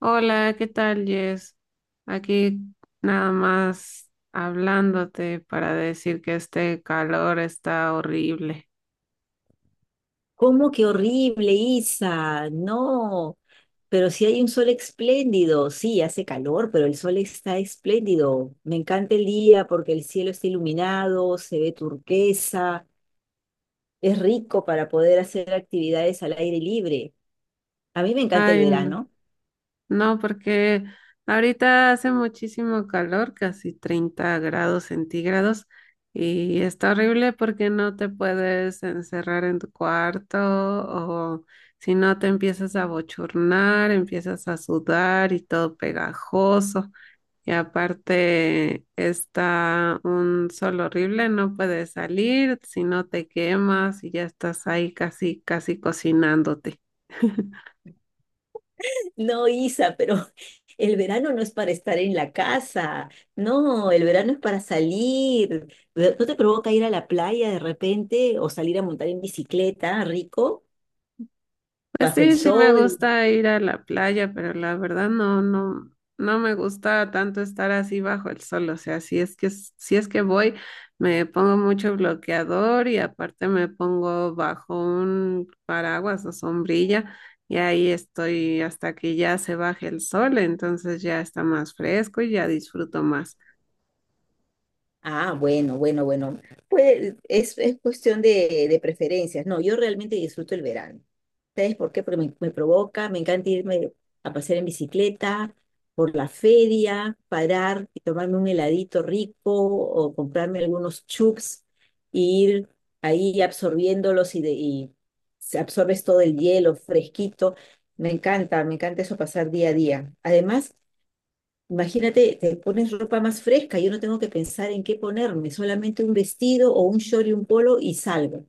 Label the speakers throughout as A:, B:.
A: Hola, ¿qué tal, Jess? Aquí nada más hablándote para decir que este calor está horrible.
B: ¿Cómo que horrible, Isa? No, pero si hay un sol espléndido, sí, hace calor, pero el sol está espléndido. Me encanta el día porque el cielo está iluminado, se ve turquesa, es rico para poder hacer actividades al aire libre. A mí me encanta el
A: Ay, no,
B: verano.
A: no, porque ahorita hace muchísimo calor, casi 30 grados centígrados, y está horrible porque no te puedes encerrar en tu cuarto o si no te empiezas a bochornar, empiezas a sudar y todo pegajoso. Y aparte está un sol horrible, no puedes salir, si no te quemas y ya estás ahí casi, casi cocinándote.
B: No, Isa, pero el verano no es para estar en la casa, no, el verano es para salir. ¿No te provoca ir a la playa de repente o salir a montar en bicicleta, rico?
A: Pues
B: Bajo el
A: sí, sí me
B: sol.
A: gusta ir a la playa, pero la verdad no, no, no me gusta tanto estar así bajo el sol. O sea, si es que voy, me pongo mucho bloqueador y aparte me pongo bajo un paraguas o sombrilla y ahí estoy hasta que ya se baje el sol, entonces ya está más fresco y ya disfruto más.
B: Ah, bueno, bueno, bueno. Pues es cuestión de preferencias. No, yo realmente disfruto el verano. ¿Sabes por qué? Porque me provoca, me encanta irme a pasear en bicicleta, por la feria, parar y tomarme un heladito rico o comprarme algunos chups y ir ahí absorbiéndolos y absorbes todo el hielo fresquito. Me encanta eso pasar día a día. Además, imagínate, te pones ropa más fresca, yo no tengo que pensar en qué ponerme, solamente un vestido o un short y un polo y salgo.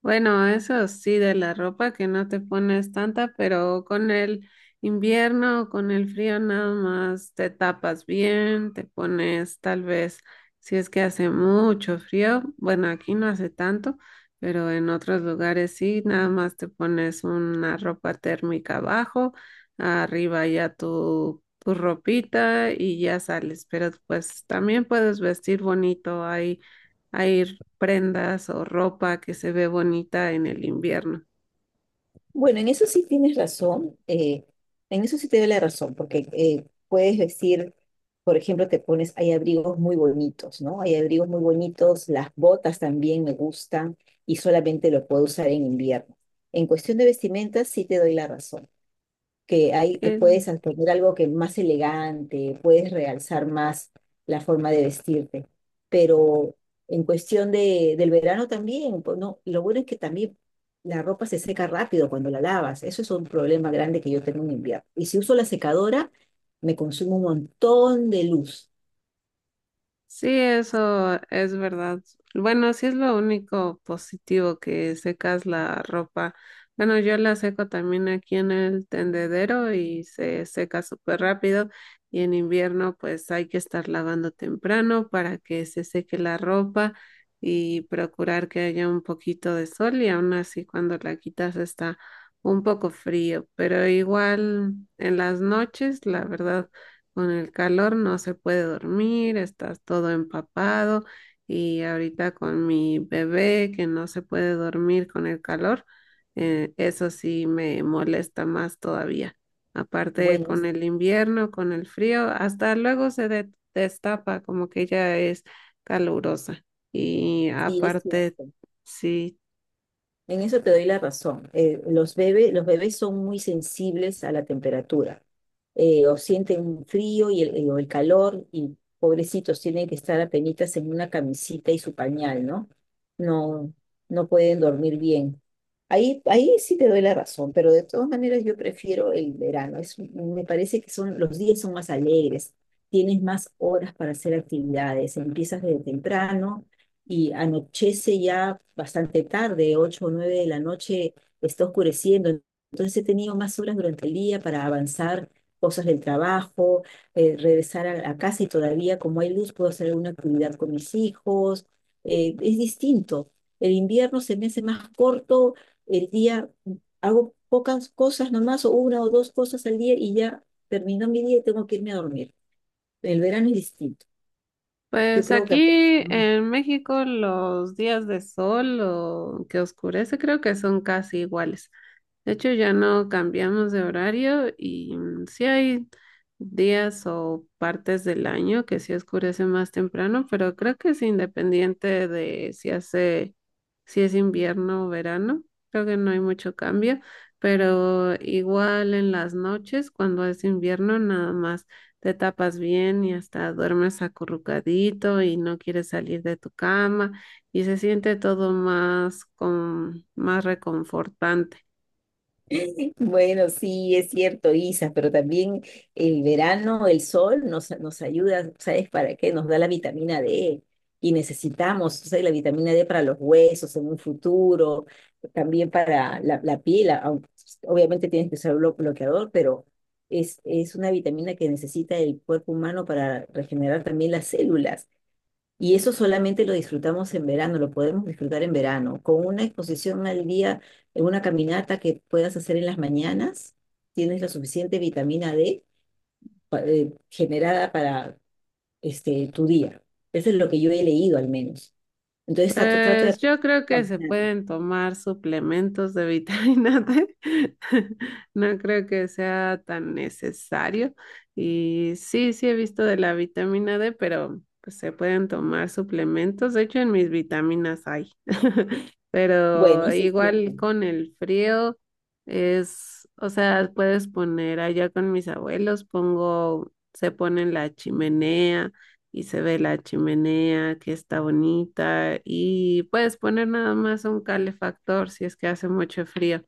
A: Bueno, eso sí, de la ropa que no te pones tanta, pero con el invierno o con el frío nada más te tapas bien, te pones tal vez, si es que hace mucho frío, bueno, aquí no hace tanto, pero en otros lugares sí, nada más te pones una ropa térmica abajo, arriba ya tu ropita y ya sales, pero pues también puedes vestir bonito ahí hay prendas o ropa que se ve bonita en el invierno.
B: Bueno, en eso sí tienes razón, en eso sí te doy la razón, porque puedes vestir, por ejemplo, te pones, hay abrigos muy bonitos, ¿no? Hay abrigos muy bonitos, las botas también me gustan y solamente lo puedo usar en invierno. En cuestión de vestimentas sí te doy la razón, que ahí te puedes
A: Sí,
B: poner algo que más elegante, puedes realzar más la forma de vestirte. Pero en cuestión del verano también, pues no, lo bueno es que también la ropa se seca rápido cuando la lavas. Eso es un problema grande que yo tengo en invierno. Y si uso la secadora, me consume un montón de luz.
A: sí, eso es verdad. Bueno, sí es lo único positivo que secas la ropa. Bueno, yo la seco también aquí en el tendedero y se seca súper rápido. Y en invierno, pues hay que estar lavando temprano para que se seque la ropa y procurar que haya un poquito de sol y aún así cuando la quitas está un poco frío, pero igual en las noches, la verdad. Con el calor no se puede dormir, estás todo empapado y ahorita con mi bebé que no se puede dormir con el calor, eso sí me molesta más todavía. Aparte
B: Bueno,
A: con el invierno, con el frío, hasta luego destapa como que ya es calurosa. Y
B: sí es
A: aparte,
B: cierto.
A: sí.
B: En eso te doy la razón. Los bebés son muy sensibles a la temperatura. O sienten frío o el calor, y pobrecitos tienen que estar apenitas en una camisita y su pañal, ¿no? No, no pueden dormir bien. Ahí sí te doy la razón, pero de todas maneras yo prefiero el verano. Me parece que los días son más alegres, tienes más horas para hacer actividades, empiezas desde temprano y anochece ya bastante tarde, 8 o 9 de la noche, está oscureciendo. Entonces he tenido más horas durante el día para avanzar cosas del trabajo, regresar la casa y todavía como hay luz puedo hacer alguna actividad con mis hijos. Es distinto. El invierno se me hace más corto, el día hago pocas cosas nomás, o una o dos cosas al día y ya terminó mi día y tengo que irme a dormir. El verano es distinto. Yo
A: Pues
B: creo que...
A: aquí en México los días de sol o que oscurece creo que son casi iguales. De hecho, ya no cambiamos de horario y sí hay días o partes del año que sí oscurece más temprano, pero creo que es independiente de si hace, si es invierno o verano. Creo que no hay mucho cambio, pero igual en las noches, cuando es invierno, nada más te tapas bien y hasta duermes acurrucadito y no quieres salir de tu cama y se siente todo más con más reconfortante.
B: Bueno, sí, es cierto, Isa, pero también el verano, el sol nos ayuda, ¿sabes para qué? Nos da la vitamina D y necesitamos, ¿sabes? La vitamina D para los huesos en un futuro, también para la piel, obviamente tienes que usar bloqueador, pero es una vitamina que necesita el cuerpo humano para regenerar también las células. Y eso solamente lo disfrutamos en verano, lo podemos disfrutar en verano, con una exposición al día, en una caminata que puedas hacer en las mañanas, tienes la suficiente vitamina D generada para tu día. Eso es lo que yo he leído al menos. Entonces trato de...
A: Pues yo creo que se pueden tomar suplementos de vitamina D. No creo que sea tan necesario. Y sí, sí he visto de la vitamina D, pero pues se pueden tomar suplementos. De hecho, en mis vitaminas hay.
B: Bueno,
A: Pero
B: eso es cierto.
A: igual con el frío es, o sea, puedes poner allá con mis abuelos, pongo, se pone en la chimenea y se ve la chimenea que está bonita y puedes poner nada más un calefactor si es que hace mucho frío,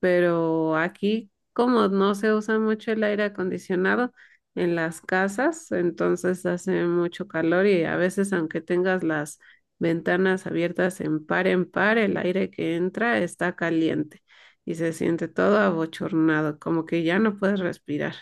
A: pero aquí como no se usa mucho el aire acondicionado en las casas, entonces hace mucho calor y a veces aunque tengas las ventanas abiertas en par, el aire que entra está caliente. Y se siente todo abochornado, como que ya no puedes respirar.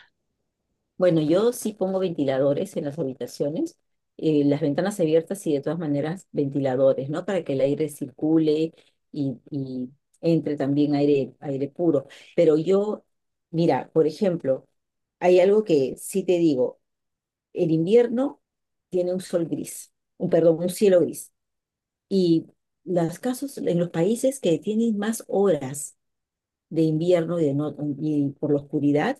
B: Bueno, yo sí pongo ventiladores en las habitaciones, las ventanas abiertas y de todas maneras ventiladores, ¿no? Para que el aire circule y entre también aire puro. Pero yo, mira, por ejemplo, hay algo que sí te digo, el invierno tiene un sol gris, perdón, un cielo gris. Y los casos en los países que tienen más horas de invierno y, de no- y por la oscuridad,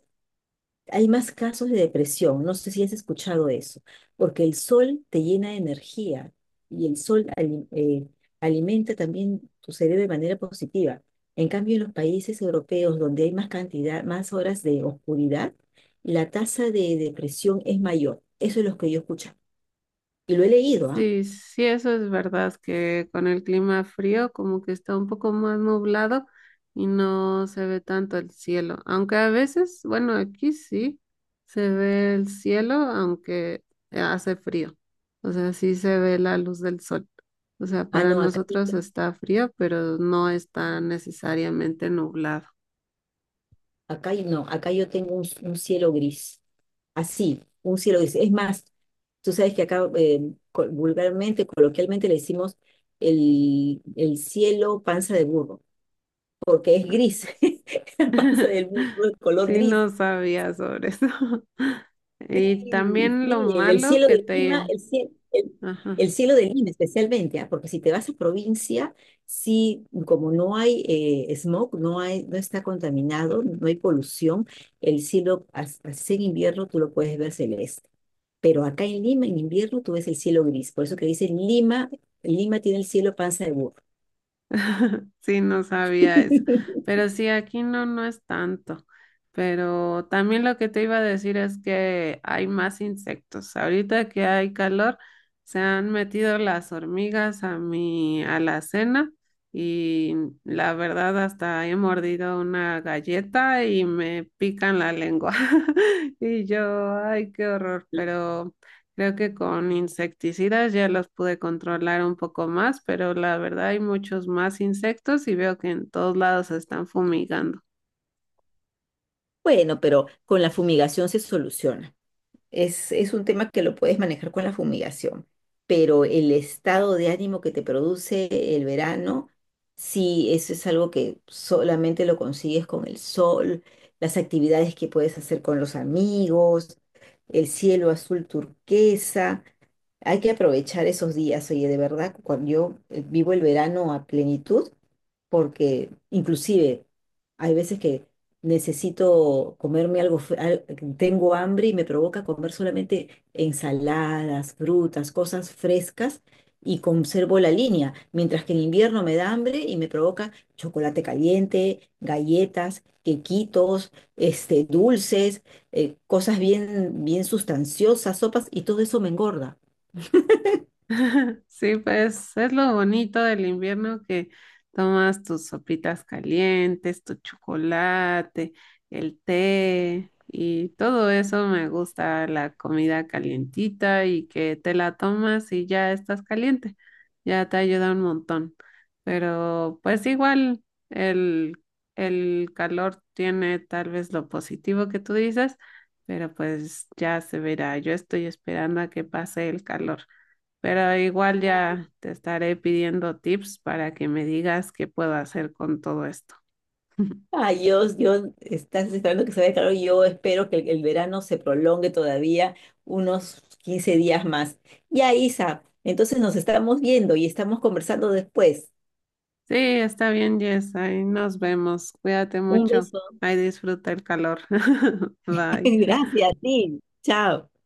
B: hay más casos de depresión, no sé si has escuchado eso, porque el sol te llena de energía y el sol alimenta también tu cerebro de manera positiva. En cambio, en los países europeos donde hay más cantidad, más horas de oscuridad, la tasa de depresión es mayor. Eso es lo que yo escucho. Y lo he leído, ¿ah?
A: Sí, sí, eso es verdad, que con el clima frío como que está un poco más nublado y no se ve tanto el cielo, aunque a veces, bueno, aquí sí se ve el cielo, aunque hace frío, o sea, sí se ve la luz del sol, o sea,
B: Ah,
A: para
B: no,
A: nosotros está frío, pero no está necesariamente nublado.
B: acá no, acá yo tengo un cielo gris. Así, un cielo gris. Es más, tú sabes que acá vulgarmente, coloquialmente le decimos el cielo panza de burro, porque es gris, la panza del burro es color
A: Sí, no
B: gris.
A: sabía sobre eso. Y
B: Sí,
A: también lo
B: sí, el
A: malo
B: cielo
A: que
B: de Lima,
A: te... Ajá.
B: el cielo de Lima especialmente, ah, porque si te vas a provincia, sí, como no hay smog, no hay, no está contaminado, no hay polución, el cielo, así en invierno tú lo puedes ver celeste. Pero acá en Lima, en invierno, tú ves el cielo gris. Por eso que dicen Lima, Lima tiene el cielo panza de burro.
A: Sí, no sabía eso. Pero sí, aquí no, no es tanto. Pero también lo que te iba a decir es que hay más insectos. Ahorita que hay calor, se han metido las hormigas a mi alacena y la verdad hasta he mordido una galleta y me pican la lengua. Y yo, ay, qué horror, pero... Creo que con insecticidas ya los pude controlar un poco más, pero la verdad hay muchos más insectos y veo que en todos lados se están fumigando.
B: Bueno, pero con la fumigación se soluciona. Es un tema que lo puedes manejar con la fumigación, pero el estado de ánimo que te produce el verano, sí, eso es algo que solamente lo consigues con el sol, las actividades que puedes hacer con los amigos, el cielo azul turquesa. Hay que aprovechar esos días, oye, de verdad, cuando yo vivo el verano a plenitud porque inclusive hay veces que necesito comerme algo, tengo hambre y me provoca comer solamente ensaladas, frutas, cosas frescas y conservo la línea, mientras que en invierno me da hambre y me provoca chocolate caliente, galletas, quequitos, dulces, cosas bien, bien sustanciosas, sopas y todo eso me engorda.
A: Sí, pues es lo bonito del invierno que tomas tus sopitas calientes, tu chocolate, el té y todo eso me gusta, la comida calientita y que te la tomas y ya estás caliente, ya te ayuda un montón. Pero pues igual el, el calor tiene tal vez lo positivo que tú dices, pero pues ya se verá. Yo estoy esperando a que pase el calor pero igual ya te estaré pidiendo tips para que me digas qué puedo hacer con todo esto.
B: Ah, yo estás esperando que se vaya claro. Yo espero que el verano se prolongue todavía unos 15 días más. Ya, Isa, entonces nos estamos viendo y estamos conversando después.
A: Sí, está bien, Jess, ahí nos vemos. Cuídate
B: Un
A: mucho.
B: beso.
A: Ahí disfruta el calor. Bye.
B: Gracias a ti. Chao.